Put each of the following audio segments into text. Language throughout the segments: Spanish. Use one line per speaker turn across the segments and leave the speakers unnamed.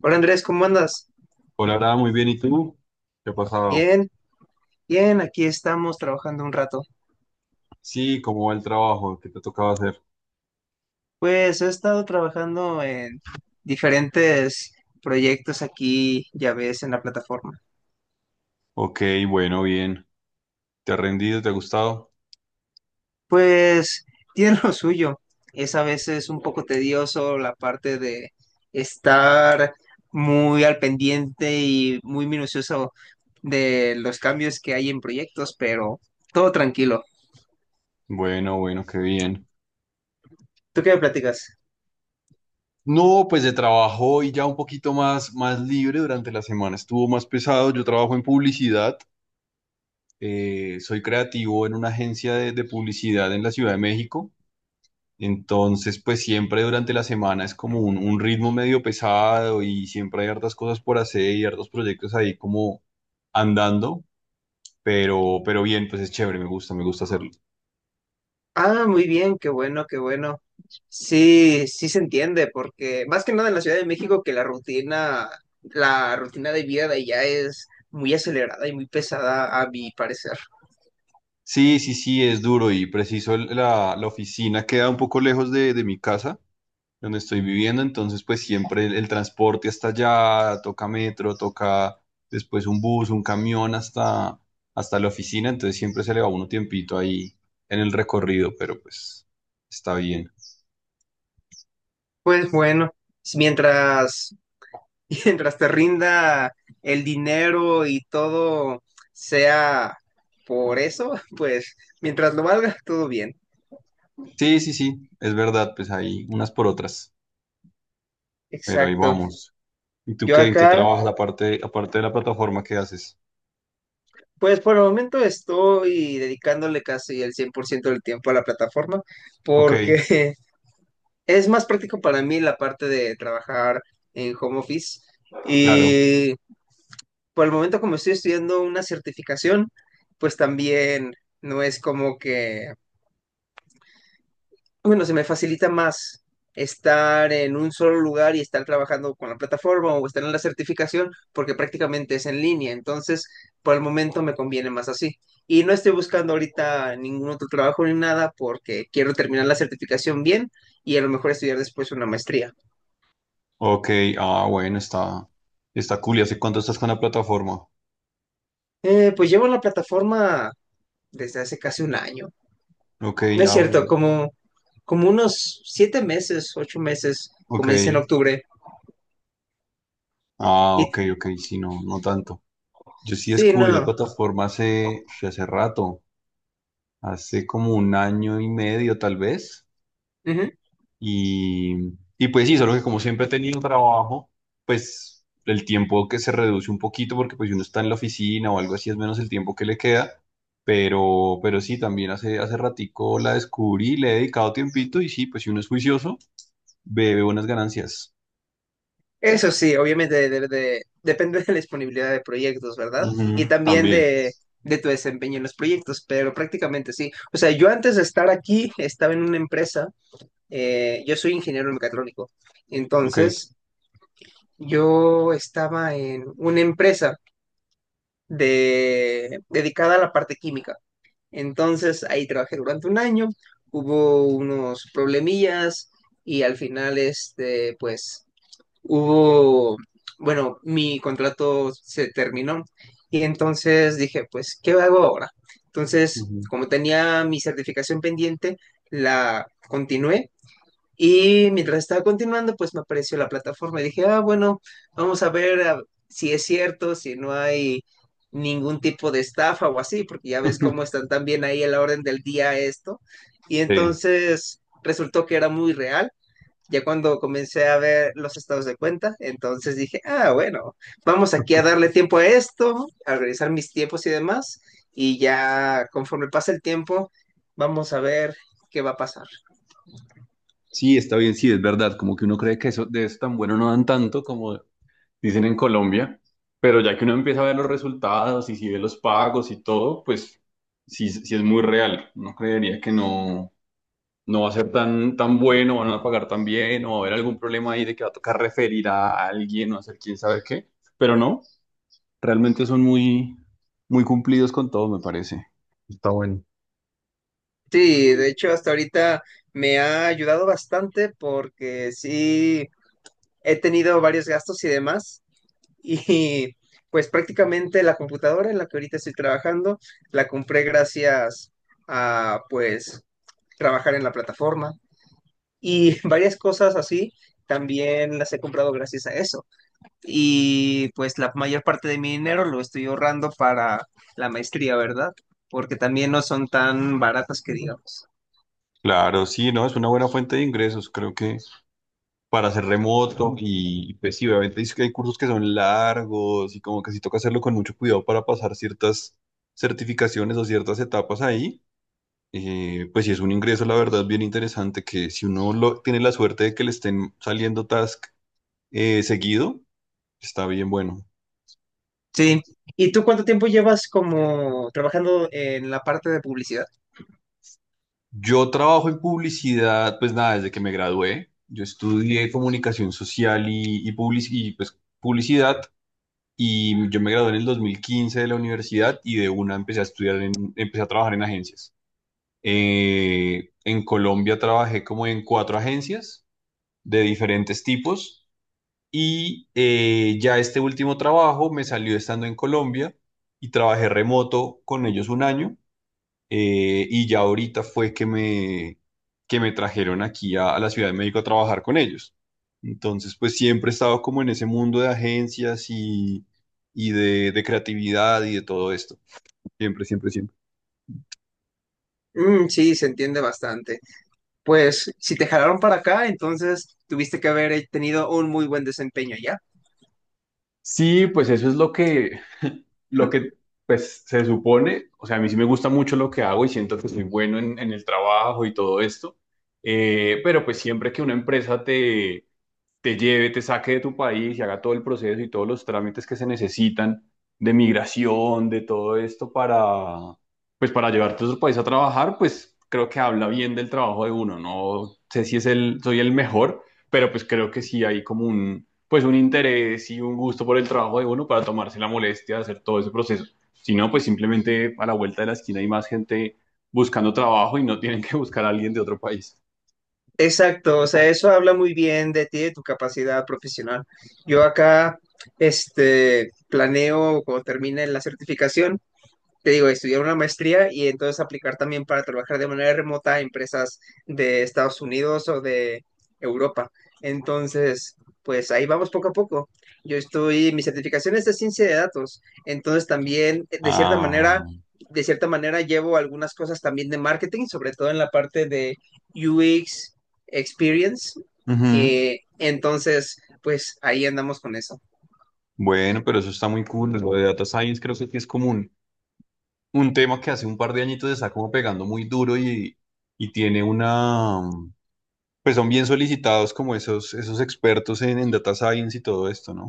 Hola Andrés, ¿cómo andas?
Hola, Ara, muy bien. ¿Y tú? ¿Qué ha pasado?
Bien, bien, aquí estamos trabajando un rato.
Sí, ¿cómo va el trabajo? ¿Qué te tocaba hacer?
Pues he estado trabajando en diferentes proyectos aquí, ya ves, en la plataforma.
Ok, bueno, bien. ¿Te ha rendido? ¿Te ha gustado?
Pues tiene lo suyo. Es a veces un poco tedioso la parte de estar muy al pendiente y muy minucioso de los cambios que hay en proyectos, pero todo tranquilo.
Bueno, bueno, qué bien.
¿Tú qué me platicas?
No, pues de trabajo y ya un poquito más libre durante la semana. Estuvo más pesado. Yo trabajo en publicidad. Soy creativo en una agencia de publicidad en la Ciudad de México. Entonces, pues siempre durante la semana es como un ritmo medio pesado y siempre hay hartas cosas por hacer y hartos proyectos ahí como andando. Pero bien, pues es chévere, me gusta hacerlo.
Ah, muy bien, qué bueno, qué bueno. Sí, sí se entiende, porque más que nada en la Ciudad de México que la rutina de vida de allá es muy acelerada y muy pesada a mi parecer.
Sí, sí, sí, es duro y preciso la oficina queda un poco lejos de mi casa, donde estoy viviendo, entonces pues siempre el transporte hasta allá, toca metro, toca después un bus, un camión hasta la oficina, entonces siempre se le va uno tiempito ahí en el recorrido, pero pues está bien.
Pues bueno, mientras, mientras te rinda el dinero y todo sea por eso, pues mientras lo valga, todo bien.
Sí, sí, sí, es verdad, pues hay unas por otras, pero ahí
Exacto.
vamos. ¿Y tú
Yo
qué, en qué
acá.
trabajas aparte de la plataforma, qué haces?
Pues por el momento estoy dedicándole casi el 100% del tiempo a la plataforma
Ok.
porque es más práctico para mí la parte de trabajar en home office
Claro.
y por el momento como estoy estudiando una certificación, pues también no es como que bueno, se me facilita más estar en un solo lugar y estar trabajando con la plataforma o estar en la certificación porque prácticamente es en línea. Entonces, por el momento me conviene más así. Y no estoy buscando ahorita ningún otro trabajo ni nada porque quiero terminar la certificación bien y a lo mejor estudiar después una maestría.
Ok, ah, bueno, está cool. ¿Y hace cuánto estás con la plataforma?
Pues llevo en la plataforma desde hace casi un año.
Ok,
No es
ah, bueno,
cierto,
ya.
como unos 7 meses, 8 meses,
Ok.
comencé en octubre.
Ah,
Y
ok, ok, sí, no, no tanto. Yo sí
sí,
descubrí la
no.
plataforma hace, sí, hace rato, hace como un año y medio tal vez.
Ujú.
Y, y pues sí, solo que como siempre he tenido trabajo, pues el tiempo que se reduce un poquito porque pues si uno está en la oficina o algo así es menos el tiempo que le queda, pero sí, también hace ratico la descubrí, le he dedicado tiempito y sí, pues si uno es juicioso, ve buenas ganancias.
Eso sí, obviamente depende de la disponibilidad de proyectos, ¿verdad? Y
Ujú,
también
también.
de tu desempeño en los proyectos, pero prácticamente sí. O sea, yo antes de estar aquí estaba en una empresa, yo soy ingeniero mecatrónico,
Ok.
entonces yo estaba en una empresa dedicada a la parte química. Entonces ahí trabajé durante un año, hubo unos problemillas y al final, pues hubo, bueno, mi contrato se terminó y entonces dije, pues, ¿qué hago ahora? Entonces,
Ujú.
como tenía mi certificación pendiente, la continué y mientras estaba continuando, pues me apareció la plataforma y dije, ah, bueno, vamos a ver ah, si es cierto, si no hay ningún tipo de estafa o así, porque ya ves cómo están también ahí a la orden del día esto. Y
Sí,
entonces resultó que era muy real ya cuando comencé a ver los estados de cuenta, entonces dije, ah, bueno, vamos aquí a darle tiempo a esto, a organizar mis tiempos y demás, y ya conforme pasa el tiempo, vamos a ver qué va a pasar.
sí, está bien, sí, es verdad, como que uno cree que eso, de eso tan bueno no dan tanto como, dicen en Colombia, pero ya que uno empieza a ver los resultados y si ve los pagos y todo, pues sí, sí es muy real. Uno creería que no, no va a ser tan bueno, van a pagar tan bien, o va a haber algún problema ahí de que va a tocar referir a alguien o hacer quién sabe qué, pero no, realmente son muy, muy cumplidos con todo, me parece.
Sí, de hecho, hasta ahorita me ha ayudado bastante porque sí he tenido varios gastos y demás, y pues prácticamente la computadora en la que ahorita estoy trabajando, la compré gracias a pues trabajar en la plataforma. Y varias cosas así también las he comprado gracias a eso. Y pues la mayor parte de mi dinero lo estoy ahorrando para la maestría, ¿verdad? Porque también no son tan baratas que digamos.
Claro, sí, no, es una buena fuente de ingresos, creo que para hacer remoto y pues sí, obviamente dice que hay cursos que son largos y como que sí toca hacerlo con mucho cuidado para pasar ciertas certificaciones o ciertas etapas ahí. Pues sí es un ingreso, la verdad, bien interesante que si uno lo, tiene la suerte de que le estén saliendo task seguido, está bien bueno.
Sí. ¿Y tú cuánto tiempo llevas como trabajando en la parte de publicidad?
Yo trabajo en publicidad, pues nada, desde que me gradué. Yo estudié comunicación social y pues, publicidad. Y yo me gradué en el 2015 de la universidad y de una empecé a estudiar, empecé a trabajar en agencias. En Colombia trabajé como en cuatro agencias de diferentes tipos y ya este último trabajo me salió estando en Colombia y trabajé remoto con ellos un año y ya ahorita fue que que me trajeron aquí a la Ciudad de México a trabajar con ellos. Entonces, pues siempre he estado como en ese mundo de agencias y de creatividad y de todo esto. Siempre, siempre, siempre.
Mm, sí, se entiende bastante. Pues si te jalaron para acá, entonces tuviste que haber tenido un muy buen desempeño ya.
Sí, pues eso es lo que, lo que pues, se supone. O sea, a mí sí me gusta mucho lo que hago y siento que soy bueno en el trabajo y todo esto. Pero pues siempre que una empresa te lleve, te saque de tu país y haga todo el proceso y todos los trámites que se necesitan de migración, de todo esto para, pues para llevarte a otro país a trabajar, pues creo que habla bien del trabajo de uno. No sé si soy el mejor, pero pues creo que sí hay como un, pues un interés y un gusto por el trabajo de uno para tomarse la molestia de hacer todo ese proceso. Si no, pues simplemente a la vuelta de la esquina hay más gente buscando trabajo y no tienen que buscar a alguien de otro país.
Exacto, o sea, eso habla muy bien de ti, de tu capacidad profesional. Yo acá, planeo cuando termine la certificación te digo, estudiar una maestría y entonces aplicar también para trabajar de manera remota a empresas de Estados Unidos o de Europa. Entonces, pues ahí vamos poco a poco. Mi certificación es de ciencia de datos, entonces también, de cierta manera,
Ah.
de cierta manera llevo algunas cosas también de marketing, sobre todo en la parte de UX Experience.
Ujú.
Entonces, pues ahí andamos con eso.
Bueno, pero eso está muy cool. Lo de data science creo que sí es como un tema que hace un par de añitos está como pegando muy duro y tiene una. Pues son bien solicitados como esos expertos en data science y todo esto, ¿no?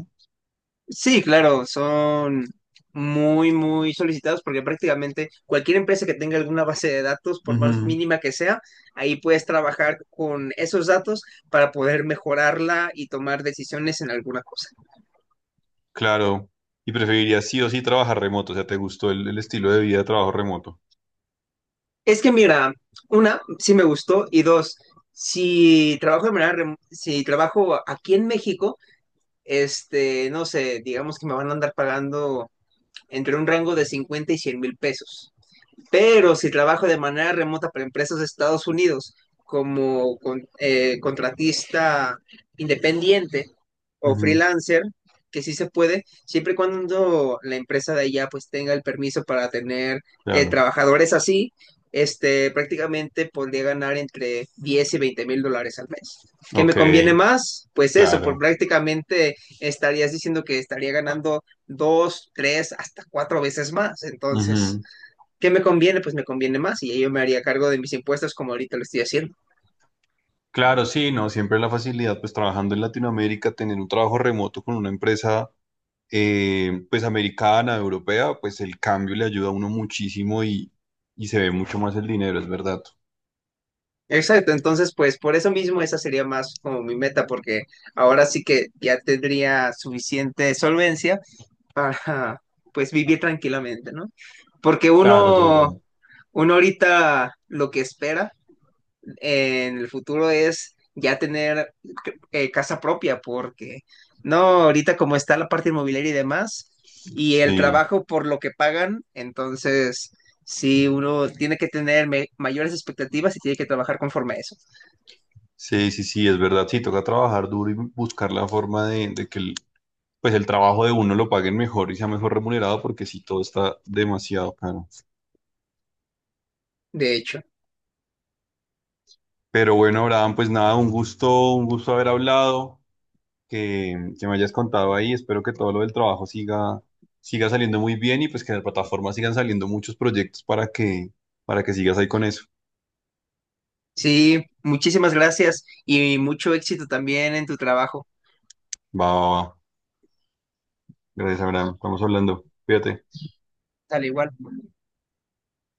Sí, claro, son muy, muy solicitados porque prácticamente cualquier empresa que tenga alguna base de datos, por más
Ujú,
mínima que sea, ahí puedes trabajar con esos datos para poder mejorarla y tomar decisiones en alguna cosa.
claro. Y preferirías sí o sí trabajar remoto. O sea, ¿te gustó el estilo de vida de trabajo remoto?
Es que mira, una, sí me gustó y dos, si trabajo de manera rem- si trabajo aquí en México, no sé, digamos que me van a andar pagando entre un rango de 50,000 y 100,000 pesos. Pero si trabajo de manera remota para empresas de Estados Unidos como con, contratista independiente o
Ujú,
freelancer, que sí se puede, siempre y cuando la empresa de allá pues tenga el permiso para tener
claro.
trabajadores así, prácticamente podría ganar entre 10,000 y 20,000 dólares al mes. ¿Qué
Ok,
me conviene más? Pues eso, por
claro.
prácticamente estarías diciendo que estaría ganando dos, tres, hasta cuatro veces más. Entonces,
Ujú.
¿qué me conviene? Pues me conviene más y yo me haría cargo de mis impuestos como ahorita lo estoy haciendo.
Claro, sí, no, siempre la facilidad, pues trabajando en Latinoamérica, tener un trabajo remoto con una empresa pues americana, europea, pues el cambio le ayuda a uno muchísimo y se ve mucho más el dinero, es verdad.
Exacto, entonces pues por eso mismo esa sería más como mi meta, porque ahora sí que ya tendría suficiente solvencia para pues vivir tranquilamente, ¿no? Porque
Claro, es la
uno,
idea.
uno ahorita lo que espera en el futuro es ya tener casa propia, porque no, ahorita como está la parte inmobiliaria y demás, y el
Sí,
trabajo por lo que pagan, entonces sí, uno tiene que tener mayores expectativas y tiene que trabajar conforme a eso,
sí, sí, sí, es verdad. Sí, toca trabajar duro y buscar la forma de que el, pues el trabajo de uno lo paguen mejor y sea mejor remunerado, porque sí, todo está demasiado caro.
de hecho.
Pero bueno, Abraham, pues nada, un gusto haber hablado. Que me hayas contado ahí. Espero que todo lo del trabajo siga saliendo muy bien y pues que en la plataforma sigan saliendo muchos proyectos para que sigas ahí con eso.
Sí, muchísimas gracias y mucho éxito también en tu trabajo,
Va, va, va. Gracias, Abraham. Estamos hablando. Cuídate.
al igual.